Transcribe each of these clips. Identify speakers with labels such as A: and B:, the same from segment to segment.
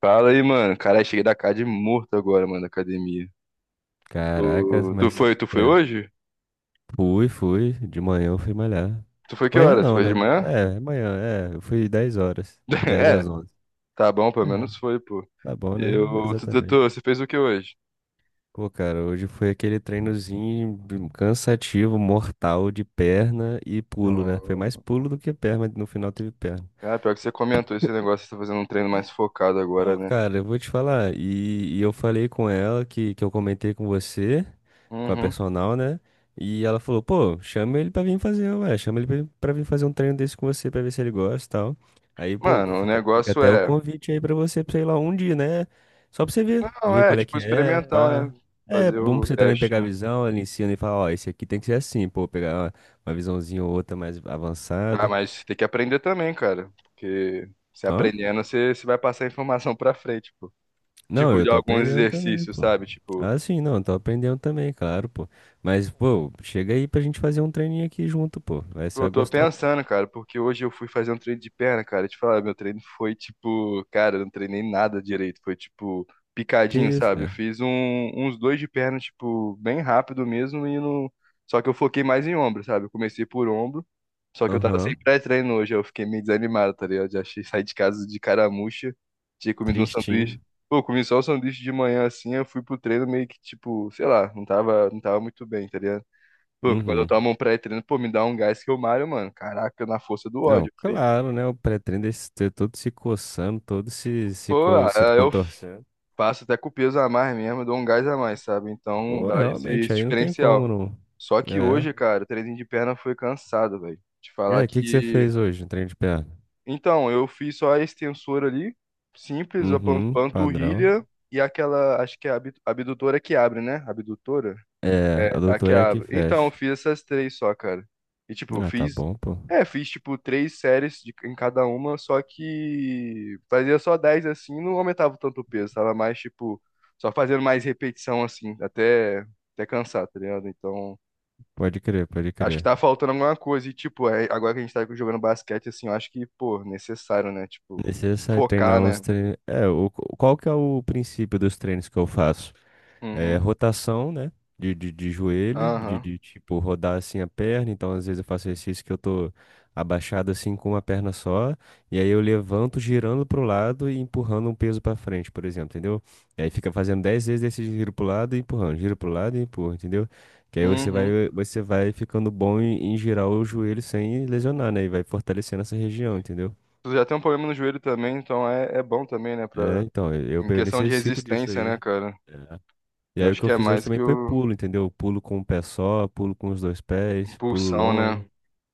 A: Fala aí, mano. Cara, cheguei da casa de morto agora, mano, da academia. Tu,
B: Caraca,
A: tu
B: mas
A: foi, tu foi
B: é,
A: hoje?
B: fui. De manhã eu fui malhar.
A: Tu foi que
B: Manhã
A: horas?
B: não,
A: Foi de
B: né?
A: manhã?
B: É, manhã, é. Eu fui 10 horas, 10
A: É,
B: às 11.
A: tá bom, pelo
B: É.
A: menos foi, pô.
B: Tá bom, né?
A: Eu, tu, tu, tu-
B: Exatamente.
A: você fez o que hoje?
B: Pô, cara, hoje foi aquele treinozinho cansativo, mortal de perna e pulo, né? Foi mais
A: Oh.
B: pulo do que perna, mas no final teve perna.
A: Ah, pior que você comentou esse negócio, você tá fazendo um treino mais focado agora,
B: Pô,
A: né?
B: cara, eu vou te falar. E eu falei com ela que eu comentei com você, com a
A: Uhum.
B: personal, né? E ela falou, pô, chama ele pra vir fazer, ué, chama ele pra vir fazer um treino desse com você pra ver se ele gosta e tal. Aí, pô,
A: Mano,
B: fica até o convite aí pra você ir lá um dia, né? Só pra você ver,
A: não,
B: ver
A: é
B: qual é
A: tipo
B: que é,
A: experimental, né?
B: pá. É
A: Fazer
B: bom pra
A: o
B: você também
A: teste,
B: pegar a
A: né?
B: visão, ela ensina e fala, ó, esse aqui tem que ser assim, pô, pegar uma visãozinha ou outra mais
A: Ah,
B: avançada.
A: mas tem que aprender também, cara, porque se
B: Ó.
A: aprendendo, você vai passar informação pra frente, pô.
B: Não,
A: Tipo,
B: eu
A: de
B: tô
A: alguns
B: aprendendo também,
A: exercícios,
B: pô.
A: sabe? Tipo,
B: Ah, sim, não, tô aprendendo também, claro, pô. Mas, pô, chega aí pra gente fazer um treininho aqui junto, pô. Vai, você
A: eu
B: vai
A: tô
B: gostar.
A: pensando, cara, porque hoje eu fui fazer um treino de perna, cara. Te falar, meu treino foi tipo, cara, eu não treinei nada direito. Foi tipo
B: Que
A: picadinho,
B: isso,
A: sabe? Eu
B: cara?
A: fiz uns dois de perna, tipo, bem rápido mesmo e não. Só que eu foquei mais em ombro, sabe? Eu comecei por ombro, só que eu tava sem
B: Aham.
A: pré-treino hoje. Eu fiquei meio desanimado, tá ligado? Já achei sair de casa de caramuxa, tinha comido um sanduíche.
B: Tristinho.
A: Pô, eu comi só um sanduíche de manhã assim, eu fui pro treino meio que tipo, sei lá, não tava muito bem, tá ligado? Pô, quando eu
B: Uhum.
A: tomo um pré-treino, pô, me dá um gás que eu malho, mano. Caraca, na força do
B: Não,
A: ódio, filho.
B: claro, né? O pré-treino desse ter todo se coçando, todo se, se,
A: Pô,
B: co-
A: ah,
B: se
A: eu
B: contorcendo.
A: faço até com o peso a mais mesmo, eu dou um gás a mais, sabe? Então
B: Pô,
A: dá esse,
B: realmente,
A: esse
B: aí não tem como,
A: diferencial.
B: não.
A: Só que
B: É.
A: hoje, cara, o treininho de perna foi cansado, velho. Te falar
B: É, o que que você
A: que.
B: fez hoje, um treino de perna?
A: Então, eu fiz só a extensora ali, simples, a pan-
B: Uhum, padrão.
A: panturrilha e aquela, acho que é a abdutora que abre, né? Abdutora?
B: É, a
A: É, a que
B: doutora é que
A: abre. Então, eu
B: fecha.
A: fiz essas três só, cara. E, tipo, eu
B: Ah, tá
A: fiz.
B: bom, pô.
A: É, fiz, tipo, três séries em cada uma, só que fazia só 10 assim, não aumentava tanto o peso, tava mais, tipo, só fazendo mais repetição, assim, até cansar, tá ligado? Então,
B: Pode crer, pode
A: acho que
B: crer.
A: tá faltando alguma coisa. E, tipo, agora que a gente tá jogando basquete, assim, eu acho que, pô, necessário, né? Tipo,
B: Necessário
A: focar,
B: treinar os
A: né?
B: treinos. É, qual que é o princípio dos treinos que eu faço?
A: Uhum.
B: É
A: Uhum.
B: rotação, né? De joelho, de,
A: Aham.
B: de tipo rodar assim a perna. Então, às vezes eu faço exercício que eu tô abaixado assim com uma perna só. E aí eu levanto girando pro lado e empurrando um peso pra frente, por exemplo, entendeu? E aí fica fazendo 10 vezes desse giro pro lado e empurrando, giro pro lado e empurra, entendeu? Que aí você
A: Uhum.
B: vai, você vai ficando bom em, girar o joelho sem lesionar, né? E vai fortalecendo essa região, entendeu?
A: Tu já tem um problema no joelho também, então é bom também, né?
B: É,
A: Pra.
B: então, eu,
A: Em
B: eu
A: questão de
B: necessito disso
A: resistência,
B: aí.
A: né, cara?
B: É. E
A: Eu
B: aí o
A: acho
B: que
A: que
B: eu
A: é
B: fiz hoje
A: mais que
B: também foi
A: o
B: pulo, entendeu? Pulo com um pé só, pulo com os dois pés, pulo
A: impulsão,
B: longe.
A: né?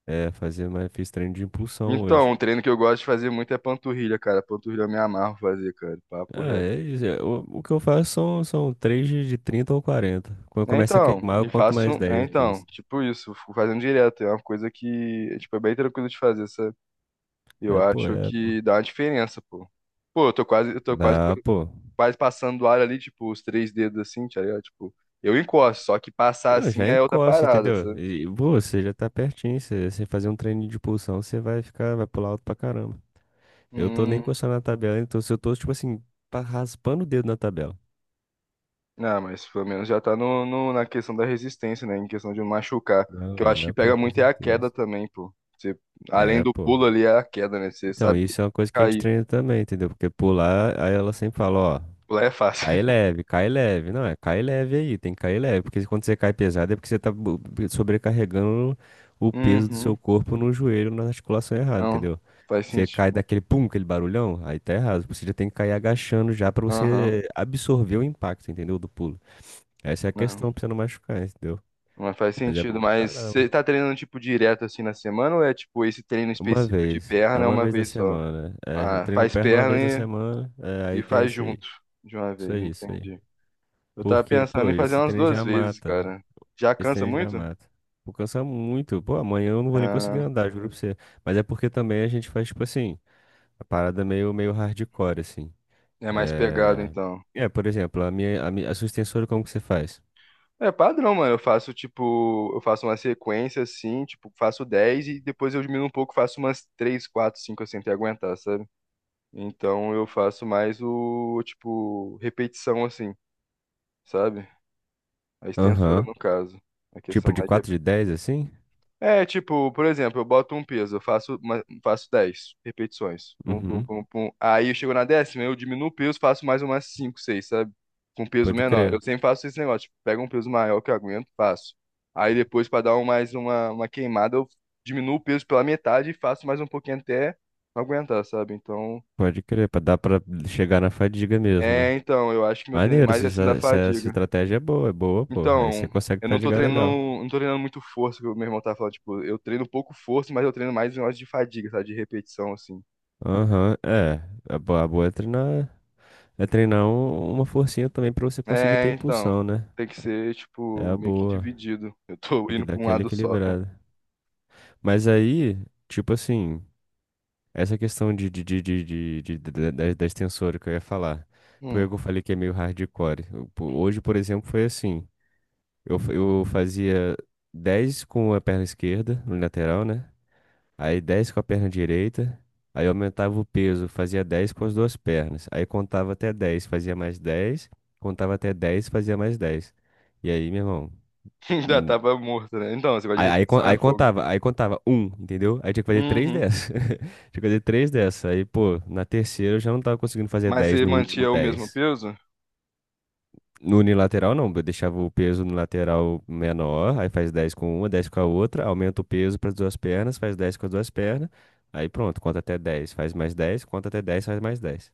B: É, fazer mais, fiz treino de impulsão
A: Então,
B: hoje.
A: um treino que eu gosto de fazer muito é panturrilha, cara. Panturrilha eu me amarro fazer, cara. Papo
B: Ah,
A: reto.
B: é isso. O que eu faço são 3 de 30 ou 40. Quando
A: É,
B: começa a
A: então,
B: queimar, eu
A: e
B: conto
A: faço.
B: mais
A: É,
B: 10,
A: então,
B: 15.
A: tipo isso, fico fazendo direto. É uma coisa que, tipo, é bem tranquilo de fazer, sabe? Eu
B: É, pô,
A: acho
B: é.
A: que dá uma diferença, pô. Pô, eu tô quase,
B: Dá, pô.
A: quase passando do ar ali, tipo, os três dedos assim, tá ligado? Tipo, eu encosto, só que passar
B: Não,
A: assim
B: já
A: é outra
B: encosta,
A: parada,
B: entendeu?
A: sabe?
B: E, pô, você já tá pertinho. Você fazer um treino de impulsão, você vai ficar, vai pular alto pra caramba. Eu tô nem
A: Hum.
B: encostando na tabela, então se eu tô, tipo assim, raspando o dedo na tabela.
A: Ah, mas pelo menos já tá na questão da resistência, né? Em questão de machucar.
B: Não,
A: Que eu acho que
B: é, pô,
A: pega
B: com
A: muito é a queda
B: certeza.
A: também, pô. Além
B: É,
A: do
B: pô.
A: pulo ali, é a queda, né? Você
B: Então,
A: sabe
B: isso é uma coisa que a gente
A: cair.
B: treina também, entendeu? Porque pular, aí ela sempre fala, ó,
A: Pular é fácil.
B: cai leve, cai leve. Não, é cai leve aí, tem que cair leve. Porque quando você cai pesado é porque você tá sobrecarregando o peso do seu
A: Uhum.
B: corpo no joelho, na articulação errada,
A: Não,
B: entendeu?
A: faz
B: Você cai
A: sentido.
B: daquele pum, aquele barulhão, aí tá errado. Você já tem que cair agachando já pra
A: Aham.
B: você absorver o impacto, entendeu? Do pulo. Essa é a
A: Não,
B: questão pra você não machucar, entendeu?
A: não faz
B: Mas é
A: sentido.
B: bom pra
A: Mas
B: caramba.
A: você tá treinando, tipo, direto assim na semana ou é, tipo, esse treino
B: Uma
A: específico de
B: vez. É
A: perna é
B: uma
A: uma
B: vez na
A: vez só?
B: semana. É, eu
A: Ah,
B: treino
A: faz
B: perna uma vez na
A: perna
B: semana. É,
A: e
B: aí tem
A: faz
B: esse aí.
A: junto de uma
B: Isso
A: vez,
B: aí, isso aí.
A: entendi. Eu tava
B: Porque,
A: pensando
B: pô,
A: em fazer
B: esse
A: umas
B: treino
A: duas
B: já
A: vezes,
B: mata.
A: cara. Já
B: Esse
A: cansa
B: treino já
A: muito?
B: mata. Vou cansar muito. Pô, amanhã eu não vou nem conseguir
A: Ah.
B: andar, juro pra você. Mas é porque também a gente faz, tipo assim, a parada meio, meio hardcore, assim.
A: É mais pegado,
B: É...
A: então.
B: É, por exemplo, a minha, a minha, a sua extensora, como que você faz?
A: É padrão, mano. Eu faço, tipo, eu faço uma sequência assim, tipo, faço 10 e depois eu diminuo um pouco, faço umas 3, 4, 5 assim, até aguentar, sabe? Então eu faço mais o, tipo, repetição assim, sabe? A extensura,
B: Aham.
A: no caso. A
B: Tipo
A: questão
B: de
A: mais de.
B: 4 de 10 assim?
A: É, tipo, por exemplo, eu boto um peso, eu faço 10 repetições. Pum, pum,
B: Uhum.
A: pum, pum. Aí eu chego na décima, eu diminuo o peso, faço mais umas 5, 6, sabe? Com peso
B: Pode
A: menor.
B: crer.
A: Eu sempre faço esse negócio, tipo, pego um peso maior que eu aguento, faço. Aí depois, pra dar mais uma queimada, eu diminuo o peso pela metade e faço mais um pouquinho até aguentar, sabe? Então,
B: Pode crer, pra dar pra chegar na fadiga mesmo,
A: é,
B: né?
A: então, eu acho que meu treino é
B: Maneiro,
A: mais
B: essa,
A: assim da
B: estra- essa essa
A: fadiga.
B: estratégia é boa, pô. Aí você
A: Então,
B: consegue
A: eu não tô
B: praticar
A: treinando,
B: legal.
A: não tô treinando muito força, que o meu irmão tava falando, tipo, eu treino pouco força, mas eu treino mais em horas de fadiga, sabe, de repetição, assim.
B: Aham, é. A boa é treinar uma forcinha também pra você conseguir ter
A: É, então,
B: impulsão, né?
A: tem que ser,
B: É
A: tipo,
B: a
A: meio que
B: boa.
A: dividido. Eu tô
B: Tem que
A: indo
B: dar
A: pra um
B: aquela
A: lado só.
B: equilibrada. Mas aí, tipo assim, essa questão de- da, da da extensora que eu ia falar. Por
A: Hum,
B: que eu falei que é meio hardcore. Hoje, por exemplo, foi assim. Eu fazia 10 com a perna esquerda, no lateral, né? Aí 10 com a perna direita. Aí eu aumentava o peso, fazia 10 com as duas pernas. Aí contava até 10, fazia mais 10. Contava até dez, fazia mais dez. E aí, meu irmão.
A: ainda
B: hum,
A: tava morto, né? Então, esse negócio de
B: Aí, aí, con-
A: repetição é
B: aí
A: fogo.
B: contava, aí contava um, entendeu? Aí tinha que fazer três
A: Uhum.
B: dessas. Tinha que fazer três dessas. Aí, pô, na terceira eu já não tava conseguindo fazer
A: Mas
B: 10
A: você
B: no último
A: mantinha o mesmo
B: 10.
A: peso?
B: No unilateral, não. Eu deixava o peso no lateral menor, aí faz 10 com uma, 10 com a outra, aumenta o peso para as duas pernas, faz 10 com as duas pernas, aí pronto, conta até 10, faz mais 10, conta até 10, faz mais 10.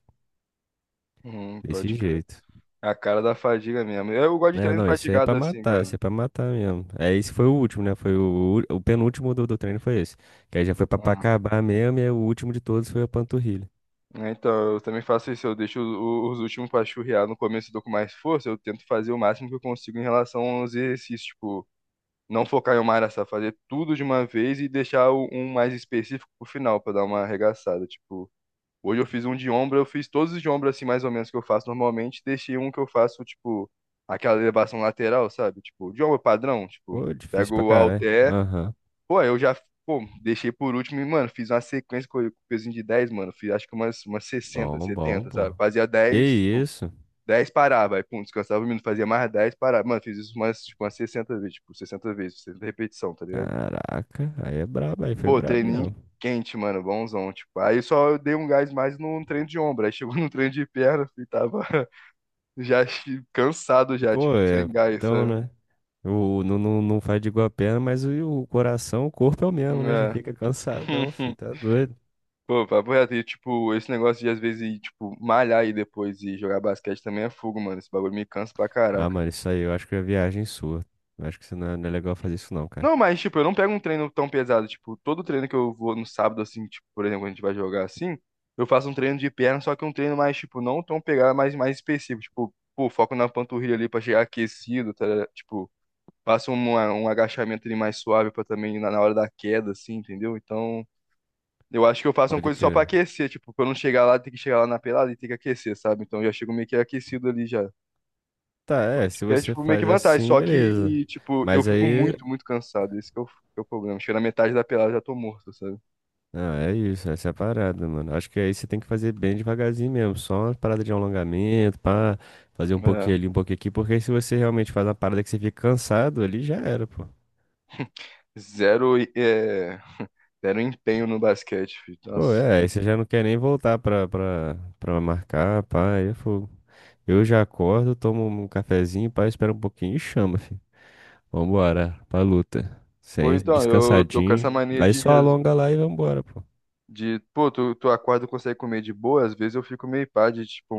B: Desse
A: Pode crer.
B: jeito.
A: É a cara da fadiga mesmo. Eu gosto de
B: É,
A: treino
B: não, esse aí é pra
A: fatigado assim,
B: matar,
A: cara.
B: esse é pra matar mesmo. É, esse foi o último, né? Foi o penúltimo do treino foi esse. Que aí já foi pra
A: Ah.
B: acabar mesmo, e aí o último de todos foi a panturrilha.
A: Né? Então, eu também faço isso, eu deixo os últimos pra churrear no começo, eu tô com mais força, eu tento fazer o máximo que eu consigo em relação aos exercícios, tipo, não focar em uma área só, fazer tudo de uma vez e deixar um mais específico pro final, pra dar uma arregaçada, tipo, hoje eu fiz um de ombro, eu fiz todos os de ombro assim, mais ou menos, que eu faço normalmente, deixei um que eu faço, tipo, aquela elevação lateral, sabe? Tipo, de ombro padrão, tipo,
B: Pô, difícil
A: pego
B: pra
A: o
B: caralho.
A: halter.
B: Aham.
A: Pô, eu já, pô, deixei por último e, mano, fiz uma sequência com pezinho de 10 mano. Fiz acho que umas sessenta
B: Bom, bom,
A: setenta sabe?
B: bom.
A: Fazia
B: Que
A: 10 tipo,
B: isso?
A: 10 parava, aí, pum, descansava um minuto, fazia mais 10 parava. Mano, fiz isso umas, tipo, umas 60 vezes, tipo, 60 vezes, 60 repetição, tá ligado?
B: Caraca, aí é brabo, aí foi
A: Pô,
B: brabo
A: treininho
B: mesmo.
A: quente, mano, bonzão, tipo. Aí só eu dei um gás mais no treino de ombro, aí chegou no treino de perna, e tava já cansado já, tipo,
B: Pô, é,
A: sem gás,
B: então,
A: sabe?
B: né? Não, não, não faz de igual a perna, mas o coração, o corpo é o mesmo, né? Já
A: É.
B: fica cansadão, filho, tá doido.
A: Pô, papo reto, e, tipo, esse negócio de às vezes ir, tipo, malhar e depois e jogar basquete também é fogo, mano. Esse bagulho me cansa pra
B: Ah,
A: caraca.
B: mano, isso aí eu acho que é viagem sua. Eu acho que você não é, não é legal fazer isso não, cara.
A: Não, mas, tipo, eu não pego um treino tão pesado. Tipo, todo treino que eu vou no sábado, assim, tipo, por exemplo, quando a gente vai jogar assim, eu faço um treino de perna, só que um treino mais, tipo, não tão pegado, mas mais específico. Tipo, pô, foco na panturrilha ali pra chegar aquecido, tá ligado? Tipo, faço um agachamento ali mais suave pra também na hora da queda, assim, entendeu? Então. Eu acho que eu faço uma
B: Pode
A: coisa só pra
B: crer.
A: aquecer, tipo, pra eu não chegar lá, ter que chegar lá na pelada e ter que aquecer, sabe? Então eu já chego meio que aquecido ali já.
B: Tá, é,
A: Acho
B: se
A: que é,
B: você
A: tipo, meio que
B: faz
A: vantagem,
B: assim,
A: só
B: beleza.
A: que, tipo, eu
B: Mas
A: fico
B: aí,
A: muito, muito cansado, esse que é o problema. Chega na metade da pelada eu já tô morto, sabe?
B: ah, é isso, essa é a parada, mano. Acho que aí você tem que fazer bem devagarzinho mesmo, só uma parada de alongamento, pá, fazer um
A: É,
B: pouquinho ali, um pouquinho aqui, porque aí se você realmente faz uma parada que você fica cansado, ali já era, pô.
A: zero, zero empenho no basquete, filho.
B: Pô,
A: Nossa.
B: é, aí você já não quer nem voltar pra marcar, pá, aí é fogo. Eu já acordo, tomo um cafezinho, pá, espera um pouquinho e chama, filho. Vambora, pra luta.
A: Pô,
B: Sem
A: então, eu tô com essa
B: descansadinho.
A: mania
B: Aí
A: de,
B: só alonga lá e vambora, pô.
A: de pô, tu acorda e consegue comer de boa, às vezes eu fico meio pá de, tipo,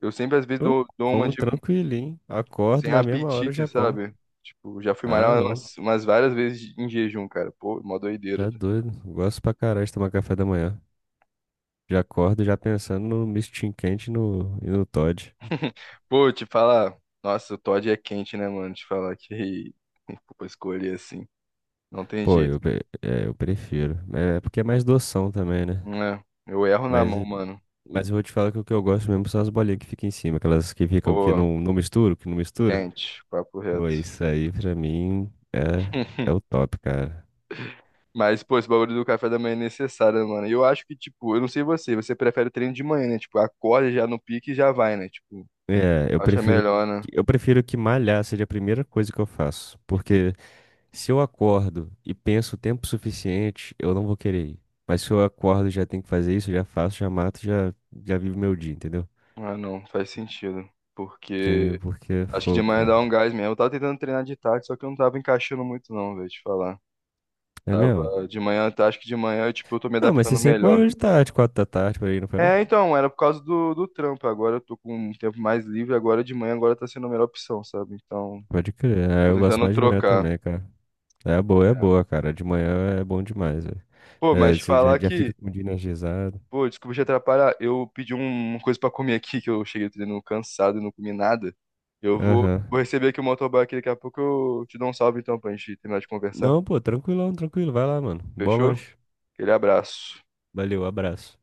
A: eu sempre às vezes
B: Eu
A: dou uma
B: como
A: de
B: tranquilinho, acordo
A: sem
B: na mesma hora eu
A: apetite,
B: já como.
A: sabe? Tipo, já fui
B: Ah,
A: malhar
B: não,
A: umas várias vezes em jejum, cara. Pô, mó
B: já
A: doideira.
B: é doido. Gosto pra caralho de tomar café da manhã. Já acordo já pensando no mistinho quente e no Toddy.
A: Pô, te falar, nossa, o Todd é quente, né, mano? Te falar que pô, escolher assim, não tem
B: Pô,
A: jeito,
B: eu prefiro. É porque é mais doção também, né?
A: né? Eu erro na
B: Mas,
A: mão, mano.
B: mas eu vou te falar que o que eu gosto mesmo são as bolinhas que ficam em cima, aquelas que ficam que
A: Pô,
B: não, não misturam, que não mistura.
A: quente, papo
B: Pô,
A: reto.
B: isso aí pra mim é, é o top, cara.
A: Mas, pô, esse bagulho do café da manhã é necessário, né, mano. E eu acho que, tipo, eu não sei você, prefere treino de manhã, né? Tipo, acorda já no pique e já vai, né? Tipo,
B: É, eu
A: acha
B: prefiro,
A: melhor, né?
B: eu prefiro que malhar seja a primeira coisa que eu faço. Porque se eu acordo e penso o tempo suficiente, eu não vou querer ir. Mas se eu acordo e já tenho que fazer isso, eu já faço, já mato, já vivo meu dia, entendeu?
A: Ah, não, faz sentido.
B: Entendeu?
A: Porque
B: Porque,
A: acho que de
B: pô,
A: manhã
B: cara.
A: dá um gás mesmo. Eu tava tentando treinar de tarde, só que eu não tava encaixando muito, não, velho, te falar.
B: É
A: Tava
B: mesmo?
A: de manhã, tá, acho que de manhã, eu, tipo, eu tô me
B: Não, mas você
A: adaptando
B: sempre
A: melhor.
B: malhou de tarde, 4 da tarde, por aí, não foi não?
A: É, então, era por causa do trampo. Agora eu tô com um tempo mais livre, agora de manhã, agora tá sendo a melhor opção, sabe? Então,
B: Pode crer. É,
A: tô
B: eu gosto
A: tentando
B: mais de manhã
A: trocar.
B: também, cara. É boa, cara. De manhã é bom demais, velho.
A: Pô, mas
B: É,
A: te
B: você já,
A: falar
B: já fica
A: que,
B: com o dia energizado.
A: pô, desculpa te atrapalhar. Eu pedi uma coisa pra comer aqui, que eu cheguei treinando cansado e não comi nada. Eu vou
B: Aham.
A: receber aqui o motoboy aqui, daqui a pouco eu te dou um salve então pra gente terminar de conversar.
B: Não, pô, tranquilão, tranquilo. Vai lá, mano. Bom
A: Fechou?
B: lanche.
A: Aquele abraço.
B: Valeu, abraço.